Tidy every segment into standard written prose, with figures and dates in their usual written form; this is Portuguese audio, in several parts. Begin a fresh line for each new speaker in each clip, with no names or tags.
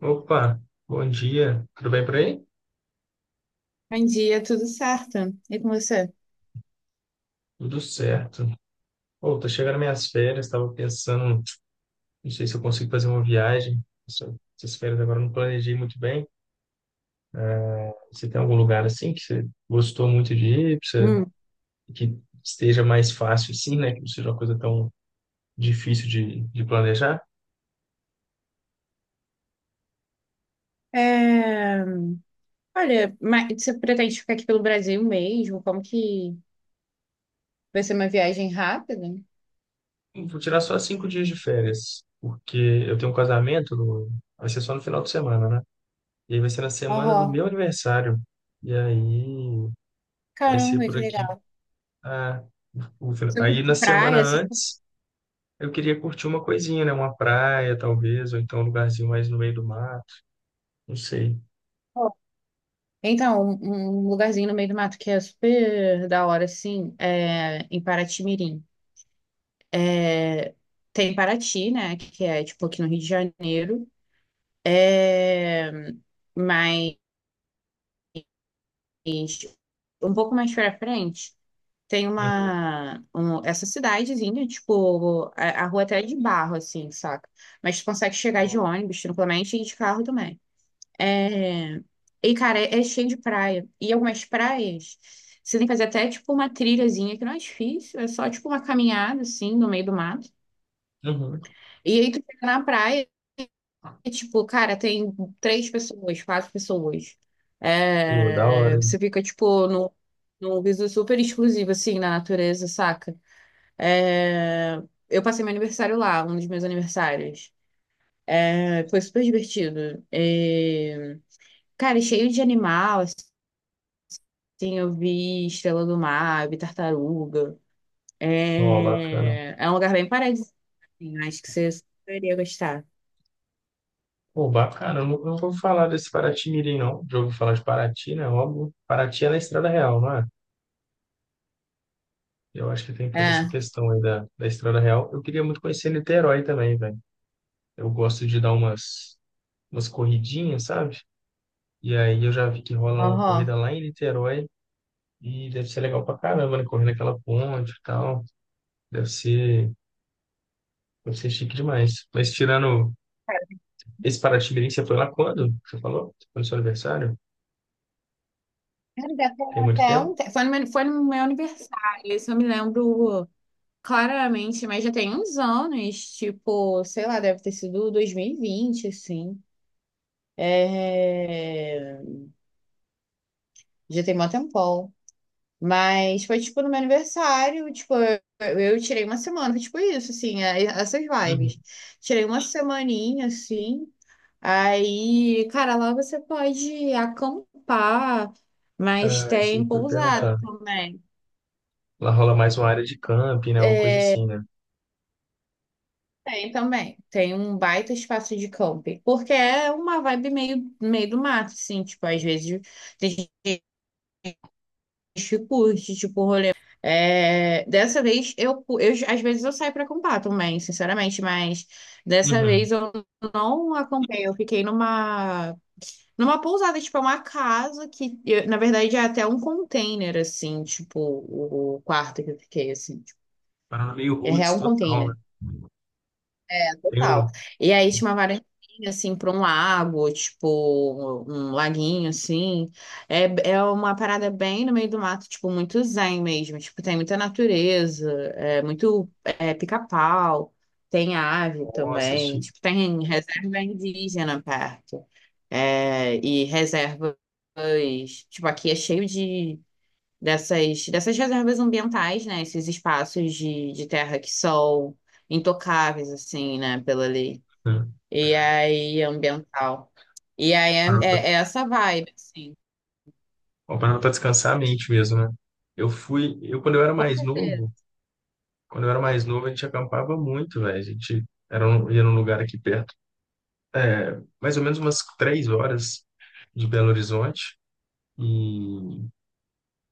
Opa, bom dia. Tudo bem por aí?
Bom dia, tudo certo? E com você?
Tudo certo. Pô, tô chegando minhas férias, tava pensando, não sei se eu consigo fazer uma viagem. Essas férias agora eu não planejei muito bem. Você tem algum lugar assim que você gostou muito de ir, que você-
Hum.
que esteja mais fácil assim, né? Que não seja uma coisa tão difícil de planejar?
É, olha, mas você pretende ficar aqui pelo Brasil mesmo? Como que vai ser uma viagem rápida?
Vou tirar só 5 dias de férias, porque eu tenho um casamento, no- vai ser só no final de semana, né? E aí vai ser na semana do
Aham.
meu aniversário. E aí vai ser
Caramba,
por
que
aqui.
legal.
Ah, ufa.
Você
Aí
curte
na semana
praia, assim,
antes, eu queria curtir uma coisinha, né? Uma praia, talvez, ou então um lugarzinho mais no meio do mar, não sei.
pô. Então, um lugarzinho no meio do mato que é super da hora, assim, é em Paraty-Mirim. É, tem Paraty, né, que é, tipo, aqui no Rio de Janeiro. É... Mas um pouco mais pra frente. Tem
Uhum.
essa cidadezinha, tipo, a rua até é de barro, assim, saca? Mas tu consegue chegar de ônibus tranquilamente e de carro também. É... E, cara, é cheio de praia. E algumas praias, você tem que fazer até, tipo, uma trilhazinha, que não é difícil, é só, tipo, uma caminhada, assim, no meio do mato.
Uhum.
E aí tu chega na praia e, tipo, cara, tem três pessoas, quatro pessoas.
Pô, da hora,
É...
hein?
Você fica, tipo, num viso super exclusivo, assim, na natureza, saca? É, eu passei meu aniversário lá, um dos meus aniversários. É, foi super divertido. É, cara, e cheio de animal, assim, eu vi estrela do mar, eu vi tartaruga.
Ó, bacana.
É, é um lugar bem paradisíaco, assim, acho que você super iria gostar.
Pô, bacana. Eu não vou falar desse Paraty-Mirim, não. Já ouvi falar de Paraty, né? Óbvio. Paraty é na Estrada Real, não é? Eu acho que tem toda essa
É,
questão aí da, da Estrada Real. Eu queria muito conhecer Niterói também, velho. Eu gosto de dar umas, umas corridinhas, sabe? E aí eu já vi que rola uma corrida
aham.
lá em Niterói. E deve ser legal pra caramba, né? Correndo aquela ponte e tal. Deve ser, deve ser chique demais. Mas tirando esse Paraty-Mirim, você foi lá quando? Você falou? Foi no seu aniversário?
Cara, já
Tem
tem
muito
até
tempo?
foi no meu aniversário, isso eu me lembro claramente, mas já tem uns anos, tipo, sei lá, deve ter sido 2020 assim. É... Já tem mó tempão. Mas foi, tipo, no meu aniversário, tipo, eu tirei uma semana, tipo, isso, assim, essas vibes.
Uhum.
Tirei uma semaninha, assim, aí, cara, lá você pode acampar, mas
Ah, isso aí
tem
que eu ia
pousada
perguntar.
também.
Lá rola mais uma área de camping, né? Uma coisa
É,
assim, né?
tem também, tem um baita espaço de camping, porque é uma vibe meio do mato, assim, tipo, às vezes tem gente que curte, tipo, é, dessa vez eu às vezes eu saio para comprar também, sinceramente, mas dessa
Uhum.
vez eu não acompanhei, eu fiquei numa pousada, tipo, é uma casa na verdade é até um container assim, tipo, o quarto que eu fiquei assim, tipo,
Parada meio
é
roots
real um
total, né?
container
Tem um...
total. E aí tinha uma varandinha, assim, para um lago, tipo, um laguinho, assim. É, é uma parada bem no meio do mato, tipo, muito zen mesmo. Tipo, tem muita natureza, é muito é, pica-pau, tem ave
Nossa,
também.
chique.
Tipo, tem reserva indígena perto. É, e reservas, tipo, aqui é cheio de dessas reservas ambientais, né? Esses espaços de terra que são intocáveis, assim, né? Pela lei.
Uhum.
E aí, ambiental. E aí, é,
Parada pra
é- é essa vibe, assim.
Uma parada pra descansar a mente mesmo, né? Eu fui... Eu, quando eu era
Com
mais novo...
certeza.
Quando eu era mais novo, a gente acampava muito, velho. A gente era um, ia num lugar aqui perto, é, mais ou menos umas 3 horas de Belo Horizonte. E,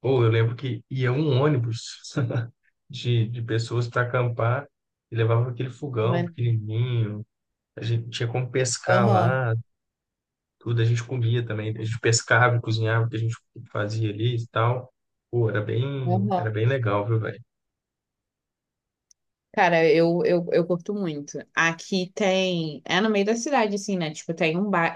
pô, eu lembro que ia um ônibus de pessoas para acampar e levava aquele fogão
Né?
pequenininho. A gente tinha como pescar
Aham,
lá, tudo a gente comia também. A gente pescava e cozinhava o que a gente fazia ali e tal. Pô, era
aham.
bem legal, viu, velho?
Cara, eu curto muito. Aqui tem... É no meio da cidade, assim, né? Tipo, tem um bairro...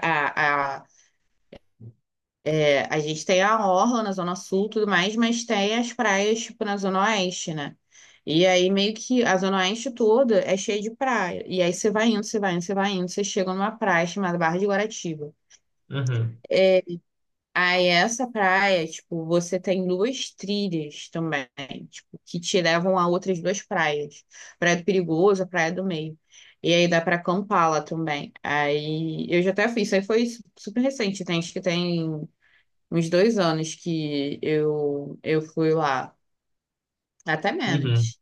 É, a gente tem a orla na Zona Sul e tudo mais, mas tem as praias, tipo, na Zona Oeste, né? E aí, meio que a Zona Oeste toda é cheia de praia. E aí, você vai indo, você vai indo, você vai indo, você chega numa praia chamada Barra de Guaratiba.
Uhum,
É, aí, essa praia, tipo, você tem duas trilhas também, tipo, que te levam a outras duas praias. Praia do Perigoso, a Praia do Meio. E aí, dá pra acampar lá também. Aí, eu já até fiz, isso aí foi super recente, tem, acho que tem uns 2 anos que eu fui lá, até
uhum.
menos.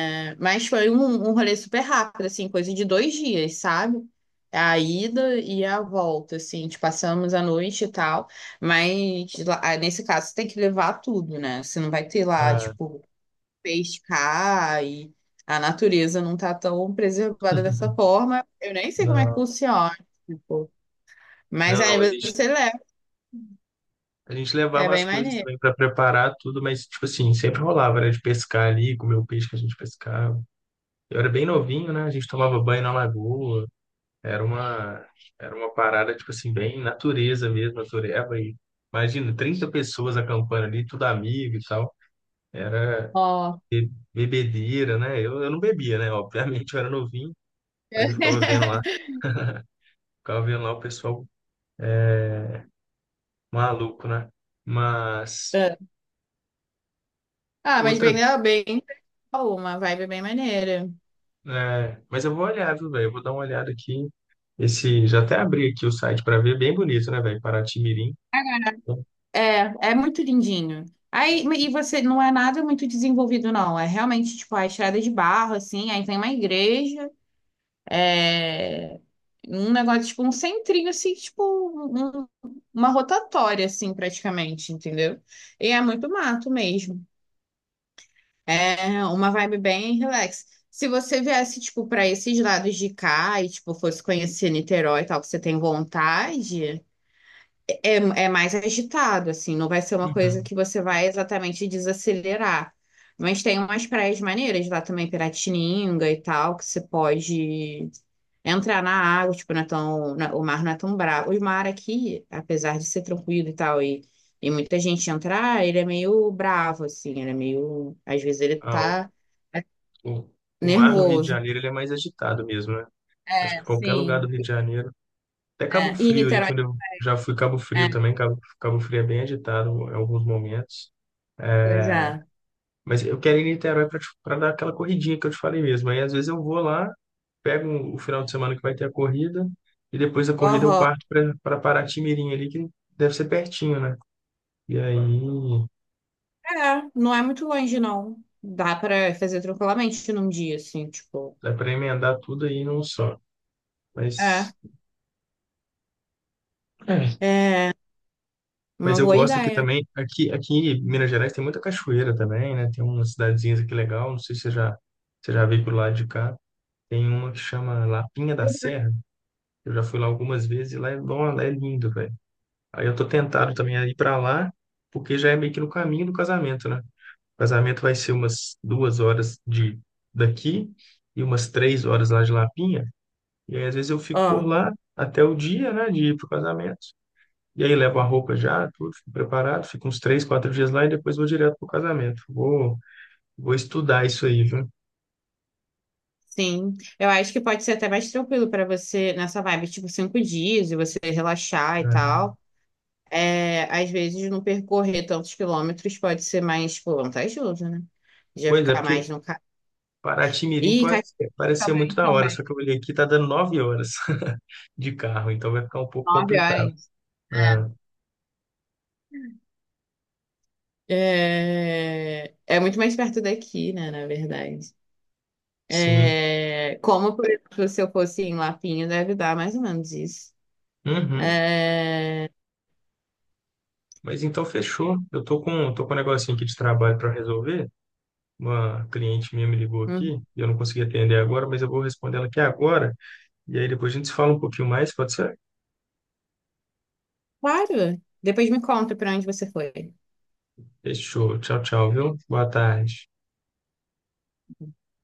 É, mas foi um rolê super rápido, assim, coisa de 2 dias, sabe? A ida e a volta, assim, te passamos a noite e tal, mas ah, nesse caso você tem que levar tudo, né? Você não vai ter lá,
Ah,
tipo, pescar e a natureza não tá tão preservada dessa forma. Eu nem sei como é que
não.
funciona, tipo, mas
Não, não,
aí
mas a gente.
você leva,
A gente
é
levava as
bem
coisas
maneiro.
também para preparar tudo, mas, tipo assim, sempre rolava, era de pescar ali, comer o peixe que a gente pescava. Eu era bem novinho, né? A gente tomava banho na lagoa. Era uma, era uma parada, tipo assim, bem natureza mesmo, natureba. E, imagina, 30 pessoas acampando ali, tudo amigo e tal. Era
Ó.
bebedeira, né? Eu não bebia, né? Obviamente, eu era novinho, mas eu ficava vendo lá o pessoal maluco, né? Mas
Ah, mas
outra.
bem, né, bem, uma vibe bem maneira.
É, mas eu vou olhar, viu, velho? Eu vou dar uma olhada aqui. Esse, já até abri aqui o site para ver, é bem bonito, né, velho? Paraty-Mirim.
É, é muito lindinho. Aí, e você não é nada muito desenvolvido, não. É realmente tipo a estrada de barro, assim. Aí tem uma igreja, é um negócio tipo um centrinho, assim, tipo uma rotatória, assim, praticamente, entendeu? E é muito mato mesmo. É uma vibe bem relax. Se você viesse, tipo, para esses lados de cá e, tipo, fosse conhecer Niterói e tal, que você tem vontade. É, é mais agitado, assim, não vai ser uma coisa
Uhum.
que você vai exatamente desacelerar. Mas tem umas praias maneiras lá também, Piratininga e tal, que você pode entrar na água, tipo, não é tão, o mar não é tão bravo. O mar aqui, apesar de ser tranquilo e tal, e muita gente entrar, ele é meio bravo, assim, ele é meio. Às vezes ele
Ah,
tá
o, o mar no Rio de
nervoso.
Janeiro ele é mais agitado mesmo, né? Acho
É,
que qualquer lugar do
sim.
Rio de Janeiro. Até
É,
Cabo
e
Frio ali,
Niterói.
quando eu já fui Cabo Frio
É,
também, Cabo Frio é bem agitado em alguns momentos.
pois é.
Mas eu quero ir em Niterói para dar aquela corridinha que eu te falei mesmo. Aí às vezes eu vou lá, pego o final de semana que vai ter a corrida, e depois da corrida eu parto para Paraty-Mirim ali, que deve ser pertinho, né? E aí
É, não é muito longe, não. Dá pra fazer tranquilamente num dia, assim, tipo.
dá para emendar tudo aí num só.
É,
Mas, é.
é
Mas
uma
eu
boa
gosto aqui
ideia.
também. Aqui, aqui em Minas Gerais tem muita cachoeira também, né? Tem umas cidadezinhas aqui legal. Não sei se você já, você já veio pro lado de cá. Tem uma que chama Lapinha da Serra. Eu já fui lá algumas vezes e lá é, bom, lá é lindo, velho. Aí eu tô tentado também a ir para lá, porque já é meio que no caminho do casamento, né? O casamento vai ser umas 2 horas de daqui e umas 3 horas lá de Lapinha. E aí, às vezes, eu fico
Ó,
por lá até o dia, né, de ir pro casamento. E aí, levo a roupa já, tudo, fico preparado, fico uns 3, 4 dias lá e depois vou direto pro casamento. Vou estudar isso aí, viu?
sim. Eu acho que pode ser até mais tranquilo pra você nessa vibe, tipo, 5 dias e você relaxar e
É.
tal. É, às vezes, não percorrer tantos quilômetros pode ser mais, tipo, vantajoso, né? Já
Pois é,
ficar
porque
mais no carro.
Paraty-Mirim
Ih,
pode
Caxias
ser- parece ser muito
também,
da hora, só
também.
que eu olhei aqui, tá dando 9 horas de carro, então vai ficar um pouco
Nove
complicado.
horas.
Ah,
É, é muito mais perto daqui, né, na verdade.
sim.
É, como, por exemplo, se eu fosse em Lapinho, deve dar mais ou menos isso.
Uhum.
É,
Mas então fechou. Eu tô com um negocinho aqui de trabalho para resolver. Uma cliente minha me ligou
uhum.
aqui e eu não consegui atender agora, mas eu vou responder ela aqui agora. E aí depois a gente se fala um pouquinho mais, pode ser?
Claro. Depois me conta para onde você foi.
Fechou. Tchau, tchau, viu? Boa tarde.